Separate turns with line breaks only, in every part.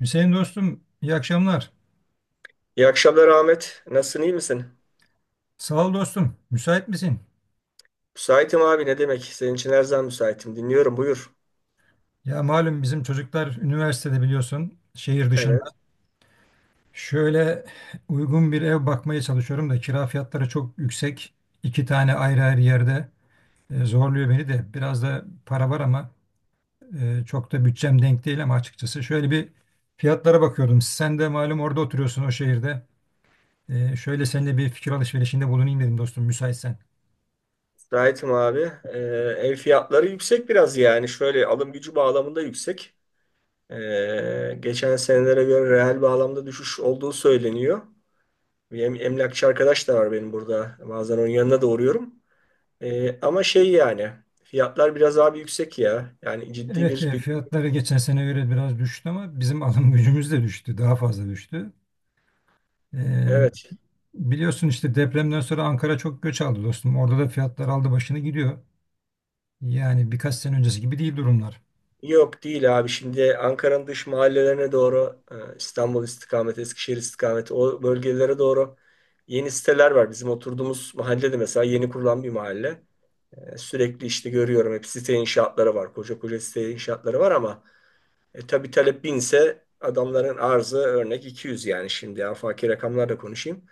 Hüseyin dostum, iyi akşamlar.
İyi akşamlar Ahmet. Nasılsın, iyi misin?
Sağ ol dostum. Müsait misin?
Müsaitim abi ne demek? Senin için her zaman müsaitim. Dinliyorum buyur.
Ya malum bizim çocuklar üniversitede biliyorsun, şehir dışında.
Evet,
Şöyle uygun bir ev bakmaya çalışıyorum da kira fiyatları çok yüksek. İki tane ayrı ayrı yerde zorluyor beni de. Biraz da para var ama çok da bütçem denk değil ama açıkçası. Şöyle bir fiyatlara bakıyordum. Sen de malum orada oturuyorsun o şehirde. Şöyle seninle bir fikir alışverişinde bulunayım dedim dostum müsaitsen.
müsaitim abi. Ev fiyatları yüksek biraz yani. Şöyle alım gücü bağlamında yüksek. Geçen senelere göre reel bağlamda düşüş olduğu söyleniyor. Bir emlakçı arkadaş da var benim burada. Bazen onun yanına da uğruyorum. Ama şey yani fiyatlar biraz abi yüksek ya. Yani ciddi
Evet,
bir, bir
fiyatları geçen sene göre biraz düştü ama bizim alım gücümüz de düştü, daha fazla düştü. E,
evet.
biliyorsun işte depremden sonra Ankara çok göç aldı dostum. Orada da fiyatlar aldı başını gidiyor. Yani birkaç sene öncesi gibi değil durumlar.
Yok değil abi. Şimdi Ankara'nın dış mahallelerine doğru İstanbul istikameti, Eskişehir istikameti o bölgelere doğru yeni siteler var. Bizim oturduğumuz mahallede mesela yeni kurulan bir mahalle. Sürekli işte görüyorum hep site inşaatları var. Koca koca site inşaatları var ama tabii talep binse adamların arzı örnek 200, yani şimdi afaki rakamlarla konuşayım.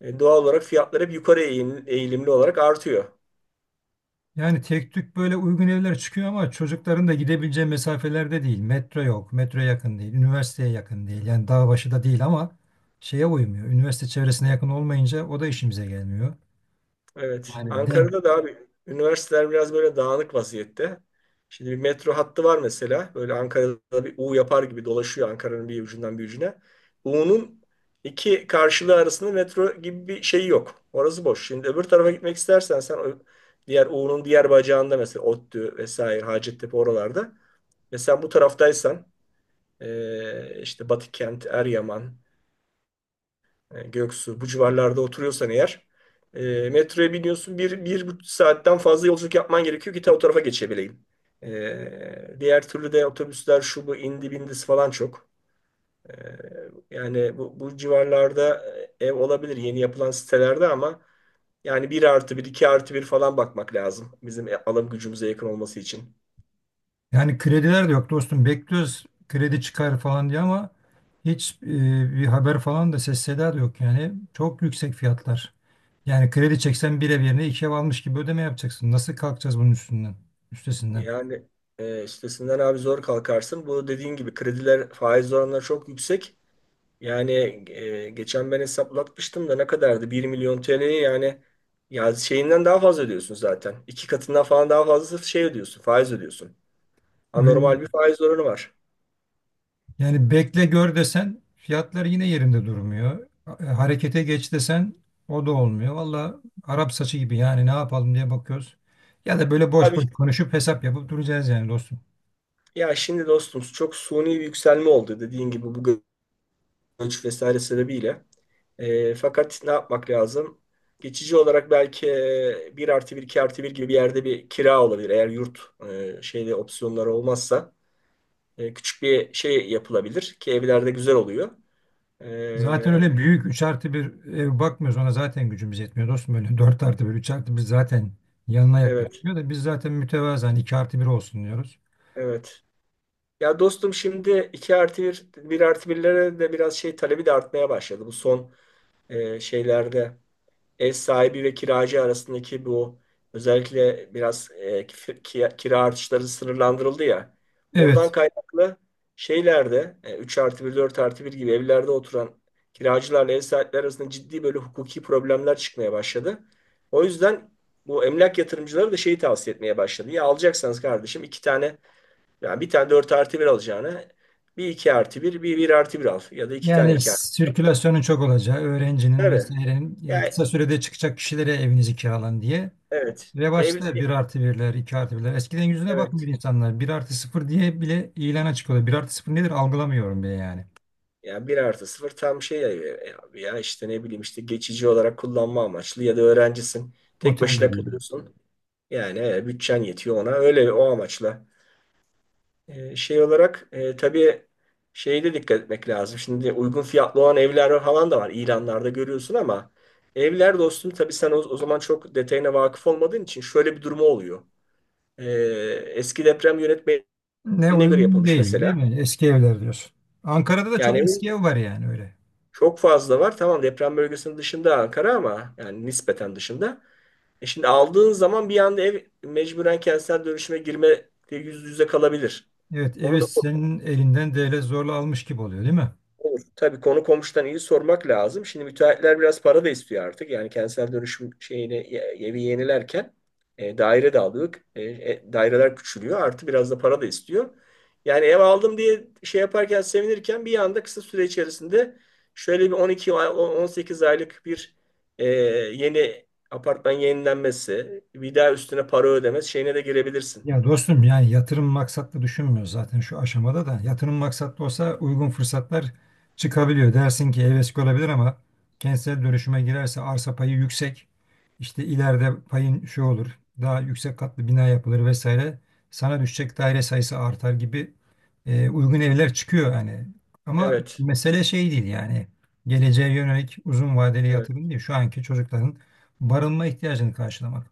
Doğal olarak fiyatlar hep yukarı eğilimli olarak artıyor.
Yani tek tük böyle uygun evler çıkıyor ama çocukların da gidebileceği mesafelerde değil. Metro yok, metro yakın değil, üniversiteye yakın değil. Yani dağ başı da değil ama şeye uymuyor. Üniversite çevresine yakın olmayınca o da işimize gelmiyor.
Evet.
Yani denk.
Ankara'da da abi üniversiteler biraz böyle dağınık vaziyette. Şimdi bir metro hattı var mesela. Böyle Ankara'da bir U yapar gibi dolaşıyor Ankara'nın bir ucundan bir ucuna. U'nun iki karşılığı arasında metro gibi bir şey yok. Orası boş. Şimdi öbür tarafa gitmek istersen sen o diğer U'nun diğer bacağında mesela ODTÜ vesaire Hacettepe oralarda. Mesela bu taraftaysan işte Batıkent, Eryaman, Göksu bu civarlarda oturuyorsan eğer, metroya biniyorsun 1,5 saatten fazla yolculuk yapman gerekiyor ki ta o tarafa geçebileyim. Diğer türlü de otobüsler şu bu indi bindisi falan çok. E, yani bu civarlarda ev olabilir yeni yapılan sitelerde ama yani bir artı bir 2 artı bir falan bakmak lazım bizim alım gücümüze yakın olması için.
Yani krediler de yok dostum. Bekliyoruz kredi çıkar falan diye ama hiç bir haber falan da ses seda da yok yani. Çok yüksek fiyatlar. Yani kredi çeksen bir ev yerine iki ev almış gibi ödeme yapacaksın. Nasıl kalkacağız bunun üstünden, üstesinden?
Yani üstesinden abi zor kalkarsın. Bu dediğin gibi krediler faiz oranları çok yüksek. Yani geçen ben hesaplatmıştım da ne kadardı? 1 milyon TL'ye yani ya şeyinden daha fazla ödüyorsun zaten. İki katından falan daha fazla şey ödüyorsun, faiz ödüyorsun.
Öyle.
Anormal bir faiz oranı var.
Yani bekle gör desen fiyatlar yine yerinde durmuyor. Harekete geç desen o da olmuyor. Valla Arap saçı gibi yani ne yapalım diye bakıyoruz. Ya da böyle boş
Abi
boş konuşup hesap yapıp duracağız yani dostum.
ya şimdi dostum çok suni bir yükselme oldu dediğin gibi bu göç vesaire sebebiyle. Fakat ne yapmak lazım? Geçici olarak belki 1 artı bir 2 artı bir gibi bir yerde bir kira olabilir. Eğer yurt şeyde opsiyonları olmazsa küçük bir şey yapılabilir ki evlerde güzel oluyor.
Zaten
Ee,
öyle büyük 3 artı bir ev bakmıyoruz. Ona zaten gücümüz yetmiyor dostum. Öyle 4 artı bir 3 artı bir zaten yanına
evet,
yaklaşıyor da biz zaten mütevazı mütevazen 2 artı bir olsun diyoruz.
evet. Ya dostum şimdi 2 artı bir, bir artı birlere de biraz şey talebi de artmaya başladı. Bu son şeylerde ev sahibi ve kiracı arasındaki bu özellikle biraz kira artışları sınırlandırıldı ya. Oradan
Evet.
kaynaklı şeylerde 3 artı bir 4 artı bir gibi evlerde oturan kiracılarla ev sahipleri arasında ciddi böyle hukuki problemler çıkmaya başladı. O yüzden bu emlak yatırımcıları da şeyi tavsiye etmeye başladı. Ya alacaksanız kardeşim iki tane, yani bir tane 4 artı bir alacağına bir 2 artı bir bir artı bir al ya da iki tane
Yani
iki artı 1.
sirkülasyonun çok olacağı, öğrencinin
Tabii.
vesairenin
Yani,
kısa sürede çıkacak kişilere evinizi kiralan diye.
evet. Ev,
Revaçta bir artı birler 2 artı birler. Eskiden yüzüne bakmıyor
evet.
insanlar. Bir artı sıfır diye bile ilana çıkıyorlar. Bir artı sıfır nedir algılamıyorum bile yani.
Ya bir artı sıfır tam şey ya, ya abi ya işte ne bileyim işte geçici olarak kullanma amaçlı ya da öğrencisin tek
Otel
başına
gibi yani.
kalıyorsun. Yani bütçen yetiyor ona öyle o amaçla. Şey olarak tabii şeye de dikkat etmek lazım. Şimdi uygun fiyatlı olan evler falan da var ilanlarda görüyorsun ama evler dostum tabii sen o zaman çok detayına vakıf olmadığın için şöyle bir durumu oluyor. E, eski deprem yönetmeliğine
Ne
göre
uygun
yapılmış
değil değil
mesela.
mi? Eski evler diyorsun. Ankara'da da çok
Yani
eski ev var yani öyle.
çok fazla var. Tamam deprem bölgesinin dışında Ankara ama yani nispeten dışında. Şimdi aldığın zaman bir anda ev mecburen kentsel dönüşüme girme yüz yüze kalabilir.
Evet,
Onu
evi
da
senin elinden devlet zorla almış gibi oluyor, değil mi?
olur. Tabii konu komşudan iyi sormak lazım. Şimdi müteahhitler biraz para da istiyor artık. Yani kentsel dönüşüm şeyini evi yenilerken daire de aldık. Daireler küçülüyor. Artı biraz da para da istiyor. Yani ev aldım diye şey yaparken sevinirken bir anda kısa süre içerisinde şöyle bir 18 aylık bir e, yeni apartman yenilenmesi, bir daha üstüne para ödemesi şeyine de girebilirsin.
Ya dostum yani yatırım maksatlı düşünmüyor zaten şu aşamada da. Yatırım maksatlı olsa uygun fırsatlar çıkabiliyor. Dersin ki evet olabilir ama kentsel dönüşüme girerse arsa payı yüksek. İşte ileride payın şu olur. Daha yüksek katlı bina yapılır vesaire. Sana düşecek daire sayısı artar gibi uygun evler çıkıyor yani. Ama
Evet.
mesele şey değil yani. Geleceğe yönelik uzun vadeli
Evet.
yatırım değil. Şu anki çocukların barınma ihtiyacını karşılamak.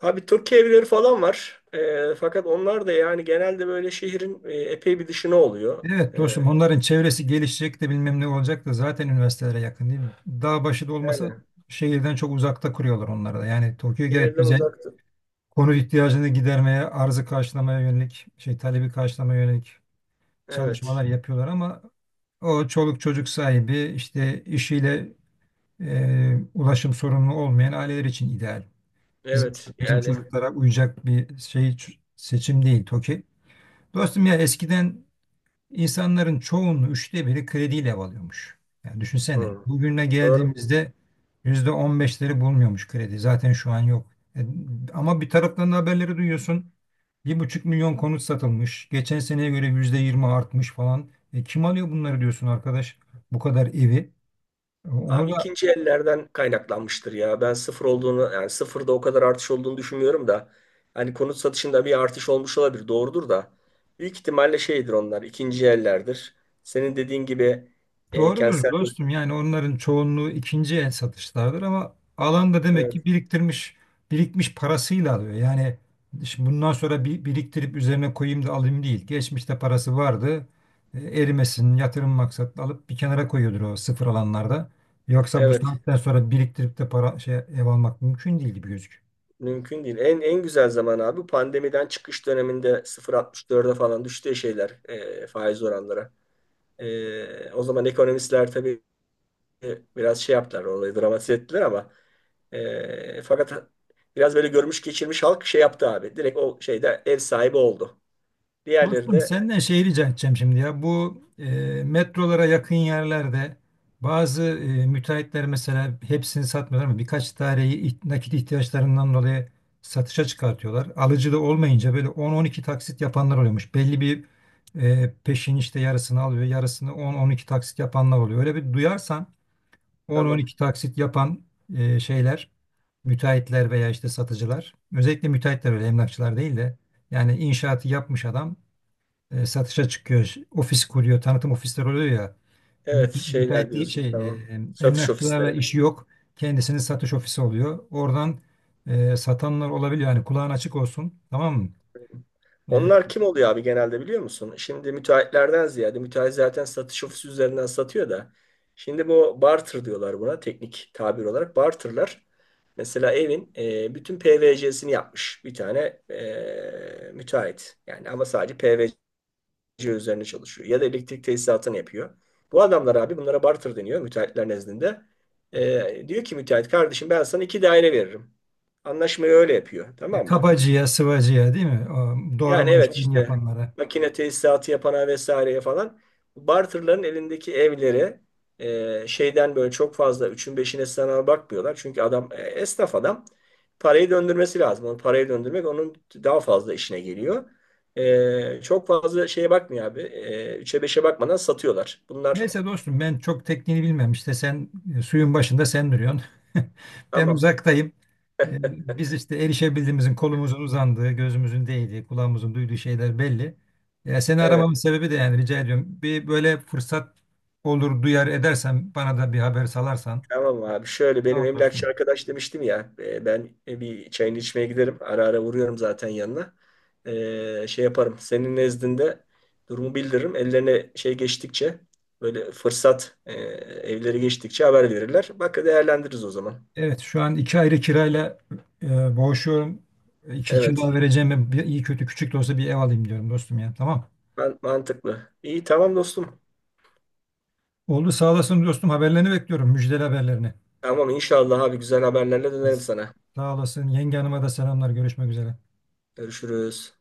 Abi Türk evleri falan var. Fakat onlar da yani genelde böyle şehrin epey bir dışına oluyor.
Evet dostum onların çevresi gelişecek de bilmem ne olacak da zaten üniversitelere yakın değil mi? Dağ başı da olmasa
Yani
şehirden çok uzakta kuruyorlar onları da. Yani Tokyo gayet
şehirden
güzel.
uzaktı.
Konut ihtiyacını gidermeye, arzı karşılamaya yönelik, şey talebi karşılamaya yönelik çalışmalar
Evet.
yapıyorlar ama o çoluk çocuk sahibi işte işiyle ulaşım sorunlu olmayan aileler için ideal. Bizim
Evet.
bizim
Yani
çocuklara uyacak bir şey seçim değil Tokyo. Dostum ya eskiden İnsanların çoğunun üçte biri krediyle ev alıyormuş. Yani düşünsene
hı.
bugüne
Doğru.
geldiğimizde %15leri bulmuyormuş kredi. Zaten şu an yok. E, ama bir taraftan da haberleri duyuyorsun. Bir buçuk milyon konut satılmış. Geçen seneye göre %20 artmış falan. E, kim alıyor bunları diyorsun arkadaş? Bu kadar evi. E,
Abi
onu da.
ikinci ellerden kaynaklanmıştır ya. Ben sıfır olduğunu, yani sıfırda o kadar artış olduğunu düşünmüyorum da. Hani konut satışında bir artış olmuş olabilir. Doğrudur da. Büyük ihtimalle şeydir onlar. İkinci ellerdir. Senin dediğin gibi
Doğrudur
kentsel,
dostum. Yani onların çoğunluğu ikinci el satışlardır ama alan da demek
evet,
ki biriktirmiş, birikmiş parasıyla alıyor. Yani şimdi bundan sonra bir, biriktirip üzerine koyayım da alayım değil. Geçmişte parası vardı. E, erimesin, yatırım maksatlı alıp bir kenara koyuyordur o sıfır alanlarda. Yoksa bu
evet.
saatten sonra biriktirip de para şey ev almak mümkün değil gibi gözüküyor.
Mümkün değil. En güzel zaman abi pandemiden çıkış döneminde 0,64'e falan düştüğü şeyler, faiz oranları. O zaman ekonomistler tabii biraz şey yaptılar, olayı dramatize ettiler ama fakat biraz böyle görmüş geçirmiş halk şey yaptı abi. Direkt o şeyde ev sahibi oldu. Diğerleri
Dostum
de
senden şey rica edeceğim şimdi ya. Bu metrolara yakın yerlerde bazı müteahhitler mesela hepsini satmıyorlar ama birkaç taneyi nakit ihtiyaçlarından dolayı satışa çıkartıyorlar. Alıcı da olmayınca böyle 10-12 taksit yapanlar oluyormuş. Belli bir peşin işte yarısını alıyor, yarısını 10-12 taksit yapanlar oluyor. Öyle bir duyarsan
tamam.
10-12 taksit yapan şeyler, müteahhitler veya işte satıcılar. Özellikle müteahhitler öyle emlakçılar değil de yani inşaatı yapmış adam satışa çıkıyor. Ofis kuruyor, tanıtım ofisleri oluyor ya.
Evet,
Müte,
şeyler
müteahhitliği
diyorsun,
şey
tamam. Satış
emlakçılarla
ofisleri.
işi yok. Kendisinin satış ofisi oluyor. Oradan satanlar olabiliyor. Yani kulağın açık olsun. Tamam mı?
Onlar
E,
kim oluyor abi genelde biliyor musun? Şimdi müteahhitlerden ziyade müteahhit zaten satış ofisi üzerinden satıyor da. Şimdi bu barter diyorlar buna, teknik tabir olarak. Barterlar mesela evin bütün PVC'sini yapmış bir tane müteahhit. Yani ama sadece PVC üzerine çalışıyor. Ya da elektrik tesisatını yapıyor. Bu adamlar abi, bunlara barter deniyor müteahhitler nezdinde. Diyor ki müteahhit, kardeşim ben sana iki daire veririm. Anlaşmayı öyle yapıyor,
ya
tamam mı?
kabacıya, sıvacıya değil mi? O,
Yani
doğrama
evet
işlerini
işte
yapanlara.
makine tesisatı yapana vesaireye falan bu barterların elindeki evleri şeyden böyle çok fazla üçün beşine sana bakmıyorlar. Çünkü adam, esnaf adam, parayı döndürmesi lazım. Onu, parayı döndürmek onun daha fazla işine geliyor. Çok fazla şeye bakmıyor abi. Üçe beşe bakmadan satıyorlar. Bunlar
Neyse dostum ben çok tekniğini bilmem işte sen suyun başında sen duruyorsun. Ben
tamam.
uzaktayım. E, Biz işte erişebildiğimizin kolumuzun uzandığı, gözümüzün değdiği, kulağımızın duyduğu şeyler belli. Seni aramamın
Evet.
sebebi de yani rica ediyorum. Bir böyle fırsat olur duyar edersen bana da bir haber salarsan.
Tamam abi, şöyle benim
Tamam
emlakçı
dostum.
arkadaş demiştim ya, ben bir çayını içmeye giderim, ara ara vuruyorum zaten yanına. Şey yaparım senin nezdinde, durumu bildiririm, ellerine şey geçtikçe, böyle fırsat, evleri geçtikçe haber verirler, bak değerlendiririz o zaman.
Evet şu an iki ayrı kirayla boğuşuyorum. İki
Evet,
kira vereceğim bir iyi kötü küçük de olsa bir ev alayım diyorum dostum ya. Tamam.
ben, mantıklı, iyi, tamam dostum.
Oldu sağ olasın dostum haberlerini bekliyorum müjdeli haberlerini.
Tamam inşallah abi, güzel haberlerle
Hadi.
dönerim sana.
Sağ olasın. Yenge hanıma da selamlar. Görüşmek üzere.
Görüşürüz.